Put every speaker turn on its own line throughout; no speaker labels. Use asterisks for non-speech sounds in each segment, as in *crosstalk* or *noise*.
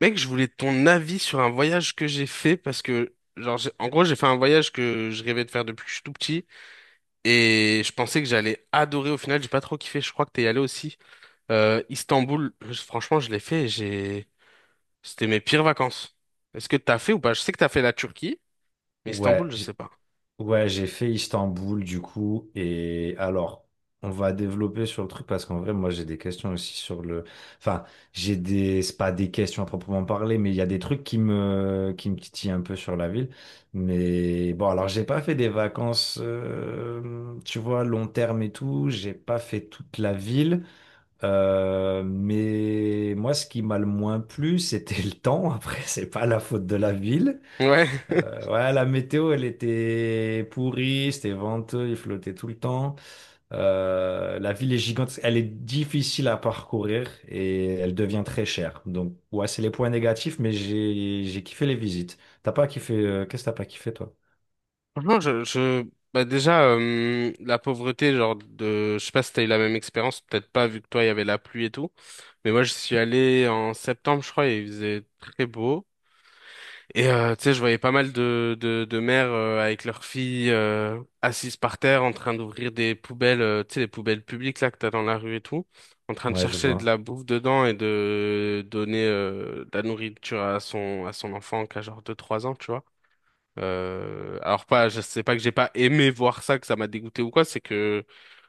Mec, je voulais ton avis sur un voyage que j'ai fait parce que, genre, en gros, j'ai fait un voyage que je rêvais de faire depuis que je suis tout petit et je pensais que j'allais adorer. Au final, j'ai pas trop kiffé. Je crois que t'es allé aussi. Istanbul, franchement, je l'ai fait. J'ai, c'était mes pires vacances. Est-ce que t'as fait ou pas? Je sais que t'as fait la Turquie, mais
Ouais,
Istanbul, je sais
j'-
pas.
ouais, j'ai fait Istanbul du coup. Et alors, on va développer sur le truc parce qu'en vrai, moi, j'ai des questions aussi sur Enfin, j'ai des. C'est pas des questions à proprement parler, mais il y a des trucs qui me titillent un peu sur la ville. Mais bon, alors, j'ai pas fait des vacances, tu vois, long terme et tout. J'ai pas fait toute la ville. Mais moi, ce qui m'a le moins plu, *laughs* c'était le temps. Après, c'est pas la faute de la ville.
Ouais. *laughs*
Ouais, la météo, elle était pourrie, c'était venteux, il flottait tout le temps. La ville est gigantesque, elle est difficile à parcourir et elle devient très chère. Donc, ouais, c'est les points négatifs, mais j'ai kiffé les visites. T'as pas kiffé, qu'est-ce que t'as pas kiffé, toi?
Franchement, bah déjà, la pauvreté, je sais pas si t'as eu la même expérience, peut-être pas, vu que toi, il y avait la pluie et tout. Mais moi, je suis allé en septembre, je crois, et il faisait très beau. Et, tu sais, je voyais pas mal de mères, avec leurs filles, assises par terre, en train d'ouvrir des poubelles, tu sais, les poubelles publiques, là, que t'as dans la rue et tout, en train de
Ouais, je
chercher de la
vois.
bouffe dedans et de donner, de la nourriture à son enfant, qui a genre deux trois ans, tu vois. Alors pas, je sais pas que j'ai pas aimé voir ça, que ça m'a dégoûté ou quoi, c'est que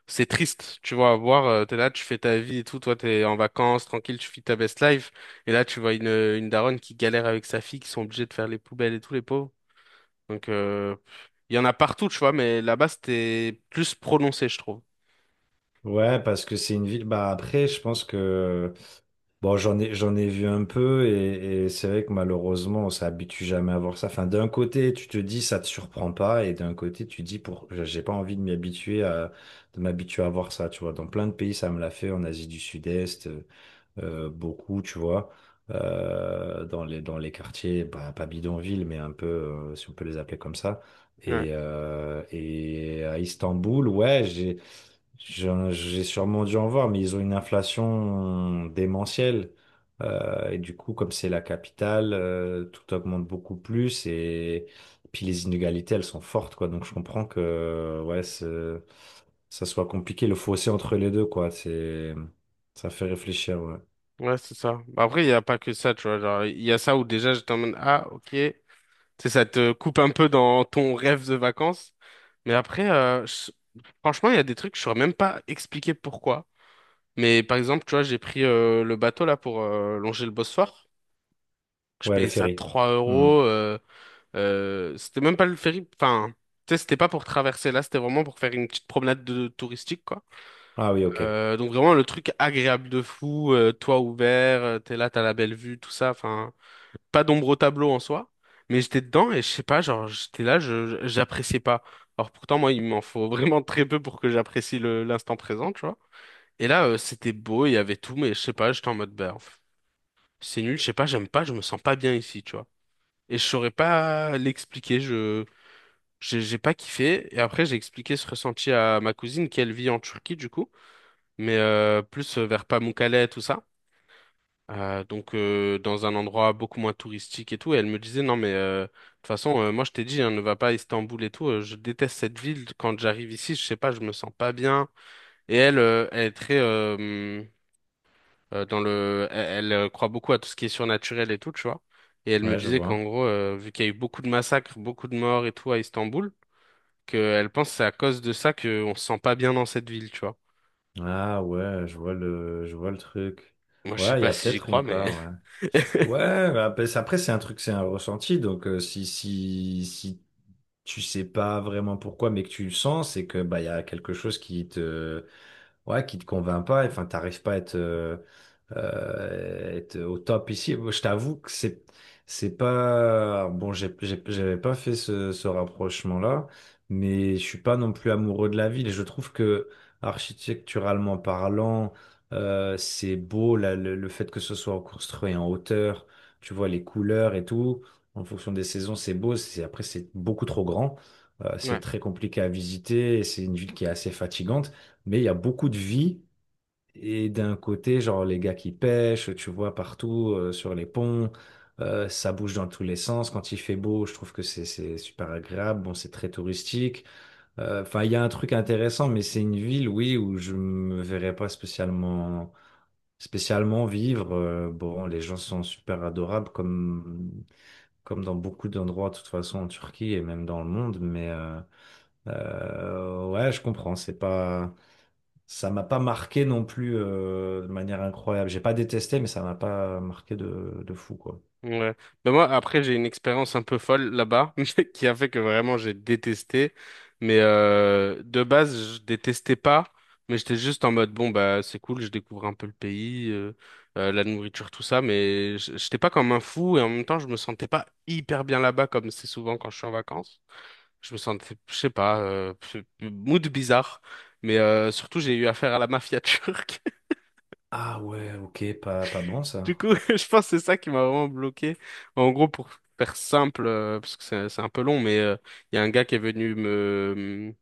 c'est triste, tu vois, à voir, t'es là, tu fais ta vie et tout, toi t'es en vacances, tranquille, tu vis ta best life, et là tu vois une daronne qui galère avec sa fille, qui sont obligés de faire les poubelles et tout, les pauvres. Donc euh, il y en a partout, tu vois, mais là-bas c'était plus prononcé, je trouve.
Ouais, parce que c'est une ville. Bah après, je pense que bon, j'en ai vu un peu et c'est vrai que malheureusement, on s'habitue jamais à voir ça. Enfin, d'un côté, tu te dis, ça te surprend pas et d'un côté, tu dis, pour, j'ai pas envie de m'habituer à voir ça, tu vois. Dans plein de pays, ça me l'a fait, en Asie du Sud-Est. Beaucoup, tu vois, dans les quartiers, bah, pas bidonville, mais un peu, si on peut les appeler comme ça.
Ouais,
Et à Istanbul, j'ai sûrement dû en voir, mais ils ont une inflation démentielle. Et du coup, comme c'est la capitale, tout augmente beaucoup plus et puis les inégalités, elles sont fortes, quoi. Donc je comprends que, ça soit compliqué, le fossé entre les deux, quoi. Ça fait réfléchir, ouais.
ouais, c'est ça. Bah, après, il y a pas que ça, tu vois, genre, il y a ça où déjà j'étais en mode, ah, ok. Tu sais, ça te coupe un peu dans ton rêve de vacances. Mais après, franchement, il y a des trucs que je saurais même pas expliquer pourquoi. Mais par exemple, tu vois, j'ai pris le bateau là pour longer le Bosphore. Je
Ouais, le
payais ça
ferry.
3
Hmm.
euros. C'était même pas le ferry. Enfin, tu sais, c'était pas pour traverser là, c'était vraiment pour faire une petite promenade de, touristique, quoi.
Ah oui, ok.
Donc vraiment le truc agréable de fou, toit ouvert, t'es là, t'as la belle vue, tout ça. Enfin, pas d'ombre au tableau en soi, mais j'étais dedans et je sais pas, genre j'étais là, j'appréciais pas. Alors pourtant moi il m'en faut *laughs* vraiment très peu pour que j'apprécie le l'instant présent, tu vois. Et là c'était beau, il y avait tout, mais je sais pas, j'étais en mode bah pff, c'est nul, je sais pas, j'aime pas, je me sens pas bien ici, tu vois. Et je saurais pas l'expliquer, je j'ai pas kiffé. Et après j'ai expliqué ce ressenti à ma cousine qui elle vit en Turquie du coup, mais plus vers Pamukkale tout ça. Dans un endroit beaucoup moins touristique et tout. Et elle me disait, non mais de toute façon, moi je t'ai dit, hein, ne va pas à Istanbul et tout. Je déteste cette ville. Quand j'arrive ici, je sais pas, je me sens pas bien. Et elle, elle est très dans le, elle croit beaucoup à tout ce qui est surnaturel et tout, tu vois. Et elle me
Ouais, je
disait qu'en
vois.
gros, vu qu'il y a eu beaucoup de massacres, beaucoup de morts et tout à Istanbul, qu'elle pense que c'est à cause de ça qu'on se sent pas bien dans cette ville, tu vois.
Ah ouais, je vois le truc.
Moi je sais
Ouais, il y
pas
a
si j'y
peut-être
crois,
une
mais
part, ouais.
*laughs*
Ouais, après, c'est un truc, c'est un ressenti. Donc, si tu sais pas vraiment pourquoi, mais que tu le sens, c'est que, bah, il y a quelque chose qui te, ouais, qui te convainc pas. Enfin, t'arrives pas à être au top ici. Je t'avoue que c'est pas bon. J'avais pas fait ce rapprochement-là, mais je suis pas non plus amoureux de la ville. Et je trouve que architecturalement parlant, c'est beau là, le fait que ce soit construit en hauteur. Tu vois les couleurs et tout. En fonction des saisons, c'est beau. C'est après c'est beaucoup trop grand. C'est
ouais.
très compliqué à visiter. Et c'est une ville qui est assez fatigante, mais il y a beaucoup de vie. Et d'un côté, genre les gars qui pêchent, tu vois partout sur les ponts, ça bouge dans tous les sens. Quand il fait beau, je trouve que c'est super agréable. Bon, c'est très touristique. Enfin, il y a un truc intéressant, mais c'est une ville, oui, où je me verrais pas spécialement vivre. Bon, les gens sont super adorables, comme dans beaucoup d'endroits, de toute façon en Turquie et même dans le monde. Mais ouais, je comprends. C'est pas Ça m'a pas marqué non plus de manière incroyable. J'ai pas détesté, mais ça m'a pas marqué de fou, quoi.
Ouais. Ben moi, après, j'ai une expérience un peu folle là-bas, *laughs* mais qui a fait que vraiment j'ai détesté. Mais de base, je détestais pas, mais j'étais juste en mode, bon, bah, c'est cool, je découvre un peu le pays, la nourriture, tout ça, mais j'étais pas comme un fou et en même temps, je me sentais pas hyper bien là-bas, comme c'est souvent quand je suis en vacances. Je me sentais, je sais pas, mood bizarre, mais surtout, j'ai eu affaire à la mafia *laughs* turque.
Ah ouais, ok, pas, pas bon
Du
ça.
coup, *laughs* je pense que c'est ça qui m'a vraiment bloqué. En gros, pour faire simple, parce que c'est un peu long, mais il y a un gars qui est venu me mm,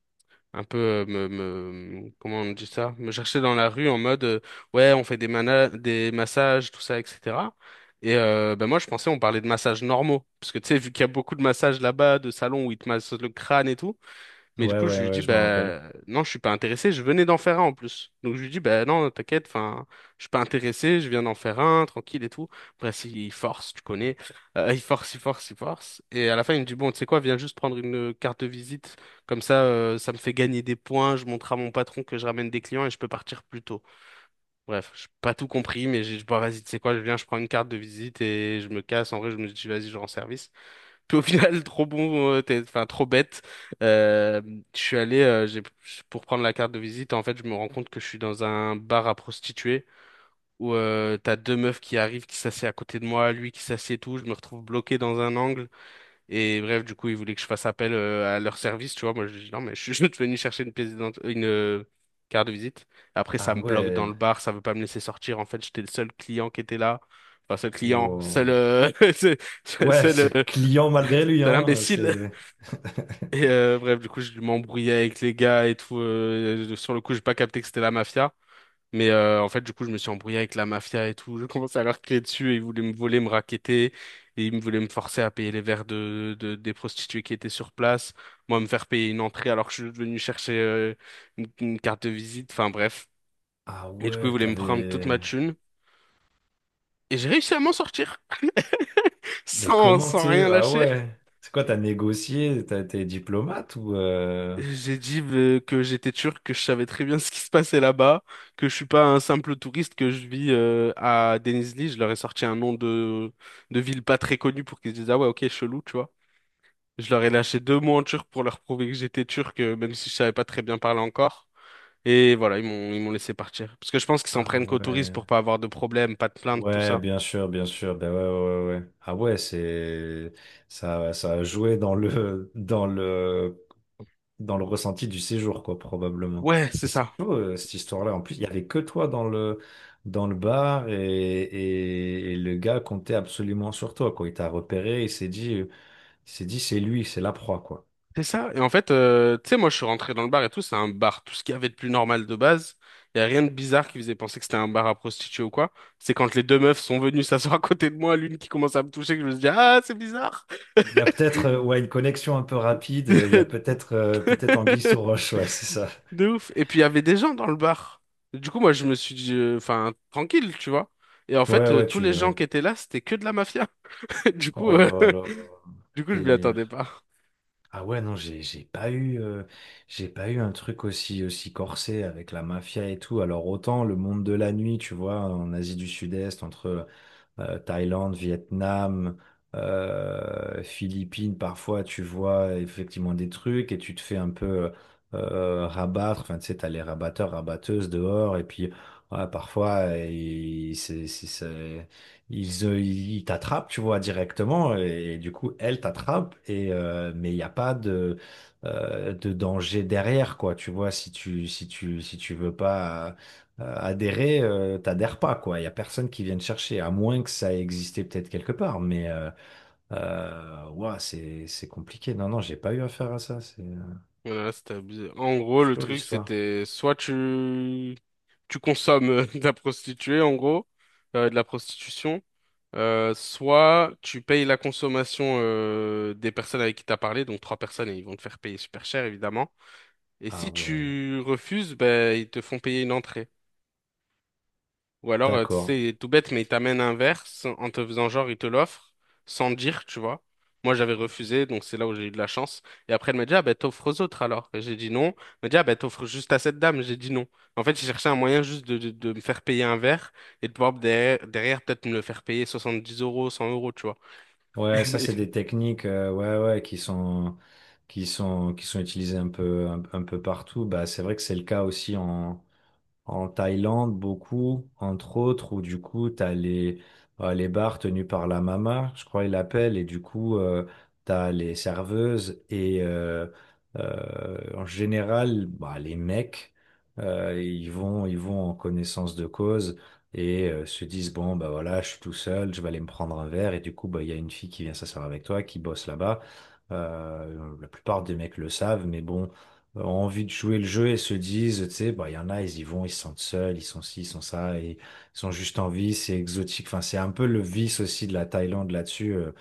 un peu comment on dit ça? Me chercher dans la rue en mode ouais, on fait des massages, tout ça, etc. Et ben moi, je pensais on parlait de massages normaux, parce que tu sais, vu qu'il y a beaucoup de massages là-bas, de salons où ils te massent le crâne et tout. Mais du
Ouais,
coup, je
ouais,
lui
ouais,
dis,
je me rappelle.
bah, non, je suis pas intéressé, je venais d'en faire un en plus. Donc, je lui dis, bah, non, t'inquiète, enfin, je suis pas intéressé, je viens d'en faire un, tranquille et tout. Bref, il force, tu connais. Il force, il force, il force. Et à la fin, il me dit, bon, tu sais quoi, viens juste prendre une carte de visite. Comme ça, ça me fait gagner des points, je montre à mon patron que je ramène des clients et je peux partir plus tôt. Bref, j'ai pas tout compris, mais j'ai dit, bon, vas-y, tu sais quoi, je viens, je prends une carte de visite et je me casse. En vrai, je me dis, vas-y, je rends service. Puis au final, *laughs* trop bon, enfin trop bête. Euh, je suis allé, pour prendre la carte de visite, en fait, je me rends compte que je suis dans un bar à prostituées où t'as deux meufs qui arrivent, qui s'assiedent à côté de moi, lui qui s'assied et tout, je me retrouve bloqué dans un angle. Et bref, du coup, ils voulaient que je fasse appel à leur service, tu vois. Moi, je dis non, mais je *laughs* suis juste venu chercher une carte de visite. Après, ça
Ah
me bloque dans
ouais,
le bar, ça veut pas me laisser sortir. En fait, j'étais le seul client qui était là. Enfin, seul client,
wow.
*laughs* seul,
Ouais, ce
seul, euh,
client malgré lui,
seul
hein,
imbécile
c'est... *laughs*
et bref, du coup, je m'embrouillais avec les gars et tout. Sur le coup, j'ai pas capté que c'était la mafia. Mais en fait, du coup, je me suis embrouillé avec la mafia et tout. Je commençais à leur crier dessus et ils voulaient me voler, me racketter. Et ils me voulaient me forcer à payer les verres des prostituées qui étaient sur place. Moi, me faire payer une entrée alors que je suis venu chercher une carte de visite. Enfin, bref.
Ah
Et du coup, ils
ouais,
voulaient me prendre toute
t'avais...
ma thune. Et j'ai réussi à m'en sortir *laughs*
Mais comment
sans
t'es...
rien
Ah
lâcher.
ouais, c'est quoi, t'as négocié, t'as été diplomate ou...
J'ai dit que j'étais turc, que je savais très bien *laughs* ce qui se passait là-bas, que je suis pas un simple touriste, que je vis à Denizli. Je leur ai sorti un nom de ville pas très connue pour qu'ils se disent ah ouais ok chelou tu vois. Je leur ai lâché deux mots en turc pour leur prouver que j'étais turc, même si je savais pas très bien parler encore. Et voilà ils m'ont laissé partir parce que je pense qu'ils s'en
Ah
prennent qu'aux touristes
ouais.
pour pas avoir de problème, pas de plainte, tout
Ouais,
ça.
bien sûr, bien sûr. Ben ouais, ouais, ouais. Ouais. Ah ouais, ça a joué dans le *laughs* dans le ressenti du séjour, quoi, probablement.
Ouais c'est
Mais c'est
ça.
chaud cette histoire-là. En plus, il y avait que toi dans le bar et le gars comptait absolument sur toi, quoi. Il t'a repéré, il s'est dit, c'est lui, c'est la proie, quoi.
C'est ça. Et en fait, tu sais, moi, je suis rentré dans le bar et tout. C'est un bar. Tout ce qu'il y avait de plus normal de base. Il n'y a rien de bizarre qui faisait penser que c'était un bar à prostituées ou quoi. C'est quand les deux meufs sont venues s'asseoir à côté de moi, l'une qui commence à me toucher, que je me suis dit, ah, c'est bizarre.
Il y a peut-être ouais une connexion un peu rapide. euh, Il y a
*laughs*
peut-être euh, peut-être anguille sous roche, ouais, c'est ça.
De ouf. Et puis, il y avait des gens dans le bar. Du coup, moi, je me suis dit, enfin, tranquille, tu vois. Et en fait, tous les gens
Ouais.
qui étaient là, c'était que de la mafia. *laughs* Du coup,
Oh
euh,
là là,
*laughs* du coup, je m'y attendais
délire.
pas.
Ah ouais, non, j'ai pas eu j'ai pas eu un truc aussi corsé avec la mafia et tout. Alors autant le monde de la nuit, tu vois, en Asie du Sud-Est, entre Thaïlande, Vietnam, Philippines, parfois tu vois effectivement des trucs et tu te fais un peu rabattre. Enfin, tu sais, t'as les rabatteurs, rabatteuses dehors et puis ouais, parfois ils, c'est- ils, ils t'attrapent, tu vois, directement et du coup elle t'attrape et mais il n'y a pas de de danger derrière quoi tu vois si tu veux pas adhérer, t'adhères pas, quoi. Il y a personne qui vienne chercher, à moins que ça ait existé peut-être quelque part. Mais ouah, c'est compliqué. Non, non, j'ai pas eu affaire à ça. C'est
Voilà, c'était abusé. En gros, le
Chaud
truc,
l'histoire.
c'était soit tu consommes *laughs* de la prostituée en gros, de la prostitution, soit tu payes la consommation des personnes avec qui t'as parlé, donc trois personnes et ils vont te faire payer super cher évidemment. Et
Ah
si
ouais,
tu refuses, ben ils te font payer une entrée. Ou alors, tu
d'accord.
sais, tout bête, mais il t'amène un verre sans- en te faisant genre, il te l'offre sans dire, tu vois. Moi, j'avais refusé, donc c'est là où j'ai eu de la chance. Et après, elle m'a dit, ah ben, t'offres aux autres alors. Et j'ai dit non. Elle m'a dit, ah ben, t'offres juste à cette dame. J'ai dit non. En fait, j'ai cherché un moyen juste de me faire payer un verre et de pouvoir derrière peut-être me le faire payer soixante-dix euros, cent euros, tu vois.
Ouais,
*laughs*
ça
Mais-
c'est des techniques, ouais, ouais, qui sont utilisées un peu un peu partout. Bah, c'est vrai que c'est le cas aussi en Thaïlande, beaucoup, entre autres, où du coup, les bars tenus par la mama, je crois ils l'appellent, et du coup, tu as les serveuses, et en général, bah, les mecs, ils vont en connaissance de cause, et se disent, bon, bah voilà, je suis tout seul, je vais aller me prendre un verre, et du coup, bah, il y a une fille qui vient s'asseoir avec toi, qui bosse là-bas. La plupart des mecs le savent, mais bon ont envie de jouer le jeu et se disent, tu sais, bah, il y en a, ils y vont, ils se sentent seuls, ils sont ci, ils sont ça, et ils sont juste en vie, c'est exotique. Enfin, c'est un peu le vice aussi de la Thaïlande là-dessus. euh,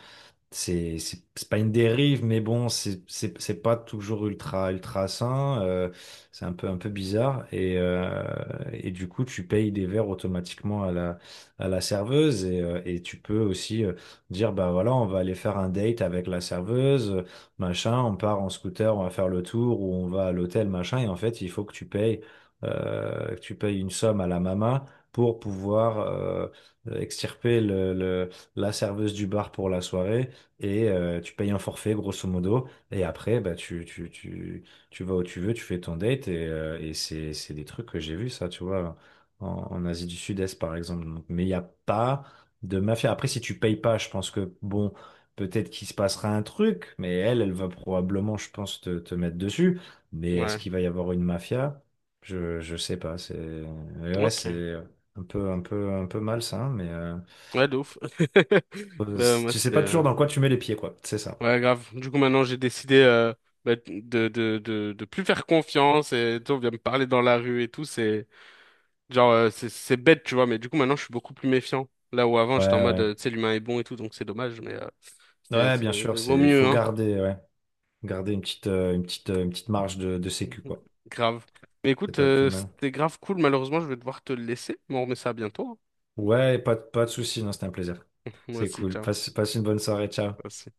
c'est c'est- C'est pas une dérive, mais bon, c'est pas toujours ultra sain. C'est un peu bizarre et du coup, tu payes des verres automatiquement à la serveuse et tu peux aussi dire bah voilà, on va aller faire un date avec la serveuse, machin. On part en scooter, on va faire le tour ou on va à l'hôtel, machin. Et en fait, il faut que tu payes une somme à la maman pour pouvoir extirper la serveuse du bar pour la soirée et tu payes un forfait grosso modo et après bah tu vas où tu veux tu fais ton date et et c'est des trucs que j'ai vu ça tu vois en Asie du Sud-Est par exemple. Donc, mais il n'y a pas de mafia après si tu payes pas je pense que bon peut-être qu'il se passera un truc mais elle va probablement je pense te mettre dessus mais est-ce
Ouais,
qu'il va y avoir une mafia je sais pas c'est mais ouais
ok.
c'est un peu un peu malsain mais
Ouais, de ouf. *laughs* Ouais, moi,
tu sais
c'était.
pas toujours dans quoi tu mets les pieds quoi c'est ça.
Ouais, grave. Du coup, maintenant, j'ai décidé bah, de plus faire confiance et tout, on vient me parler dans la rue et tout. C'est genre, c'est bête, tu vois, mais du coup, maintenant, je suis beaucoup plus méfiant. Là où avant,
Ouais,
j'étais en mode,
ouais.
tu sais, l'humain est bon et tout, donc c'est dommage, mais
Ouais, bien sûr, c'est,
vaut
il
mieux,
faut
hein. *laughs*
garder, ouais. Garder une petite, une petite, une petite marge de sécu,
Mhm.
quoi.
Grave. Mais
C'est
écoute,
pas plus mal.
c'était grave cool. Malheureusement, je vais devoir te laisser, mais on remet ça bientôt. Hein.
Ouais, pas de soucis, non, c'était un plaisir.
Moi
C'est
aussi,
cool.
ciao.
Passe, passe une bonne soirée, ciao.
Merci.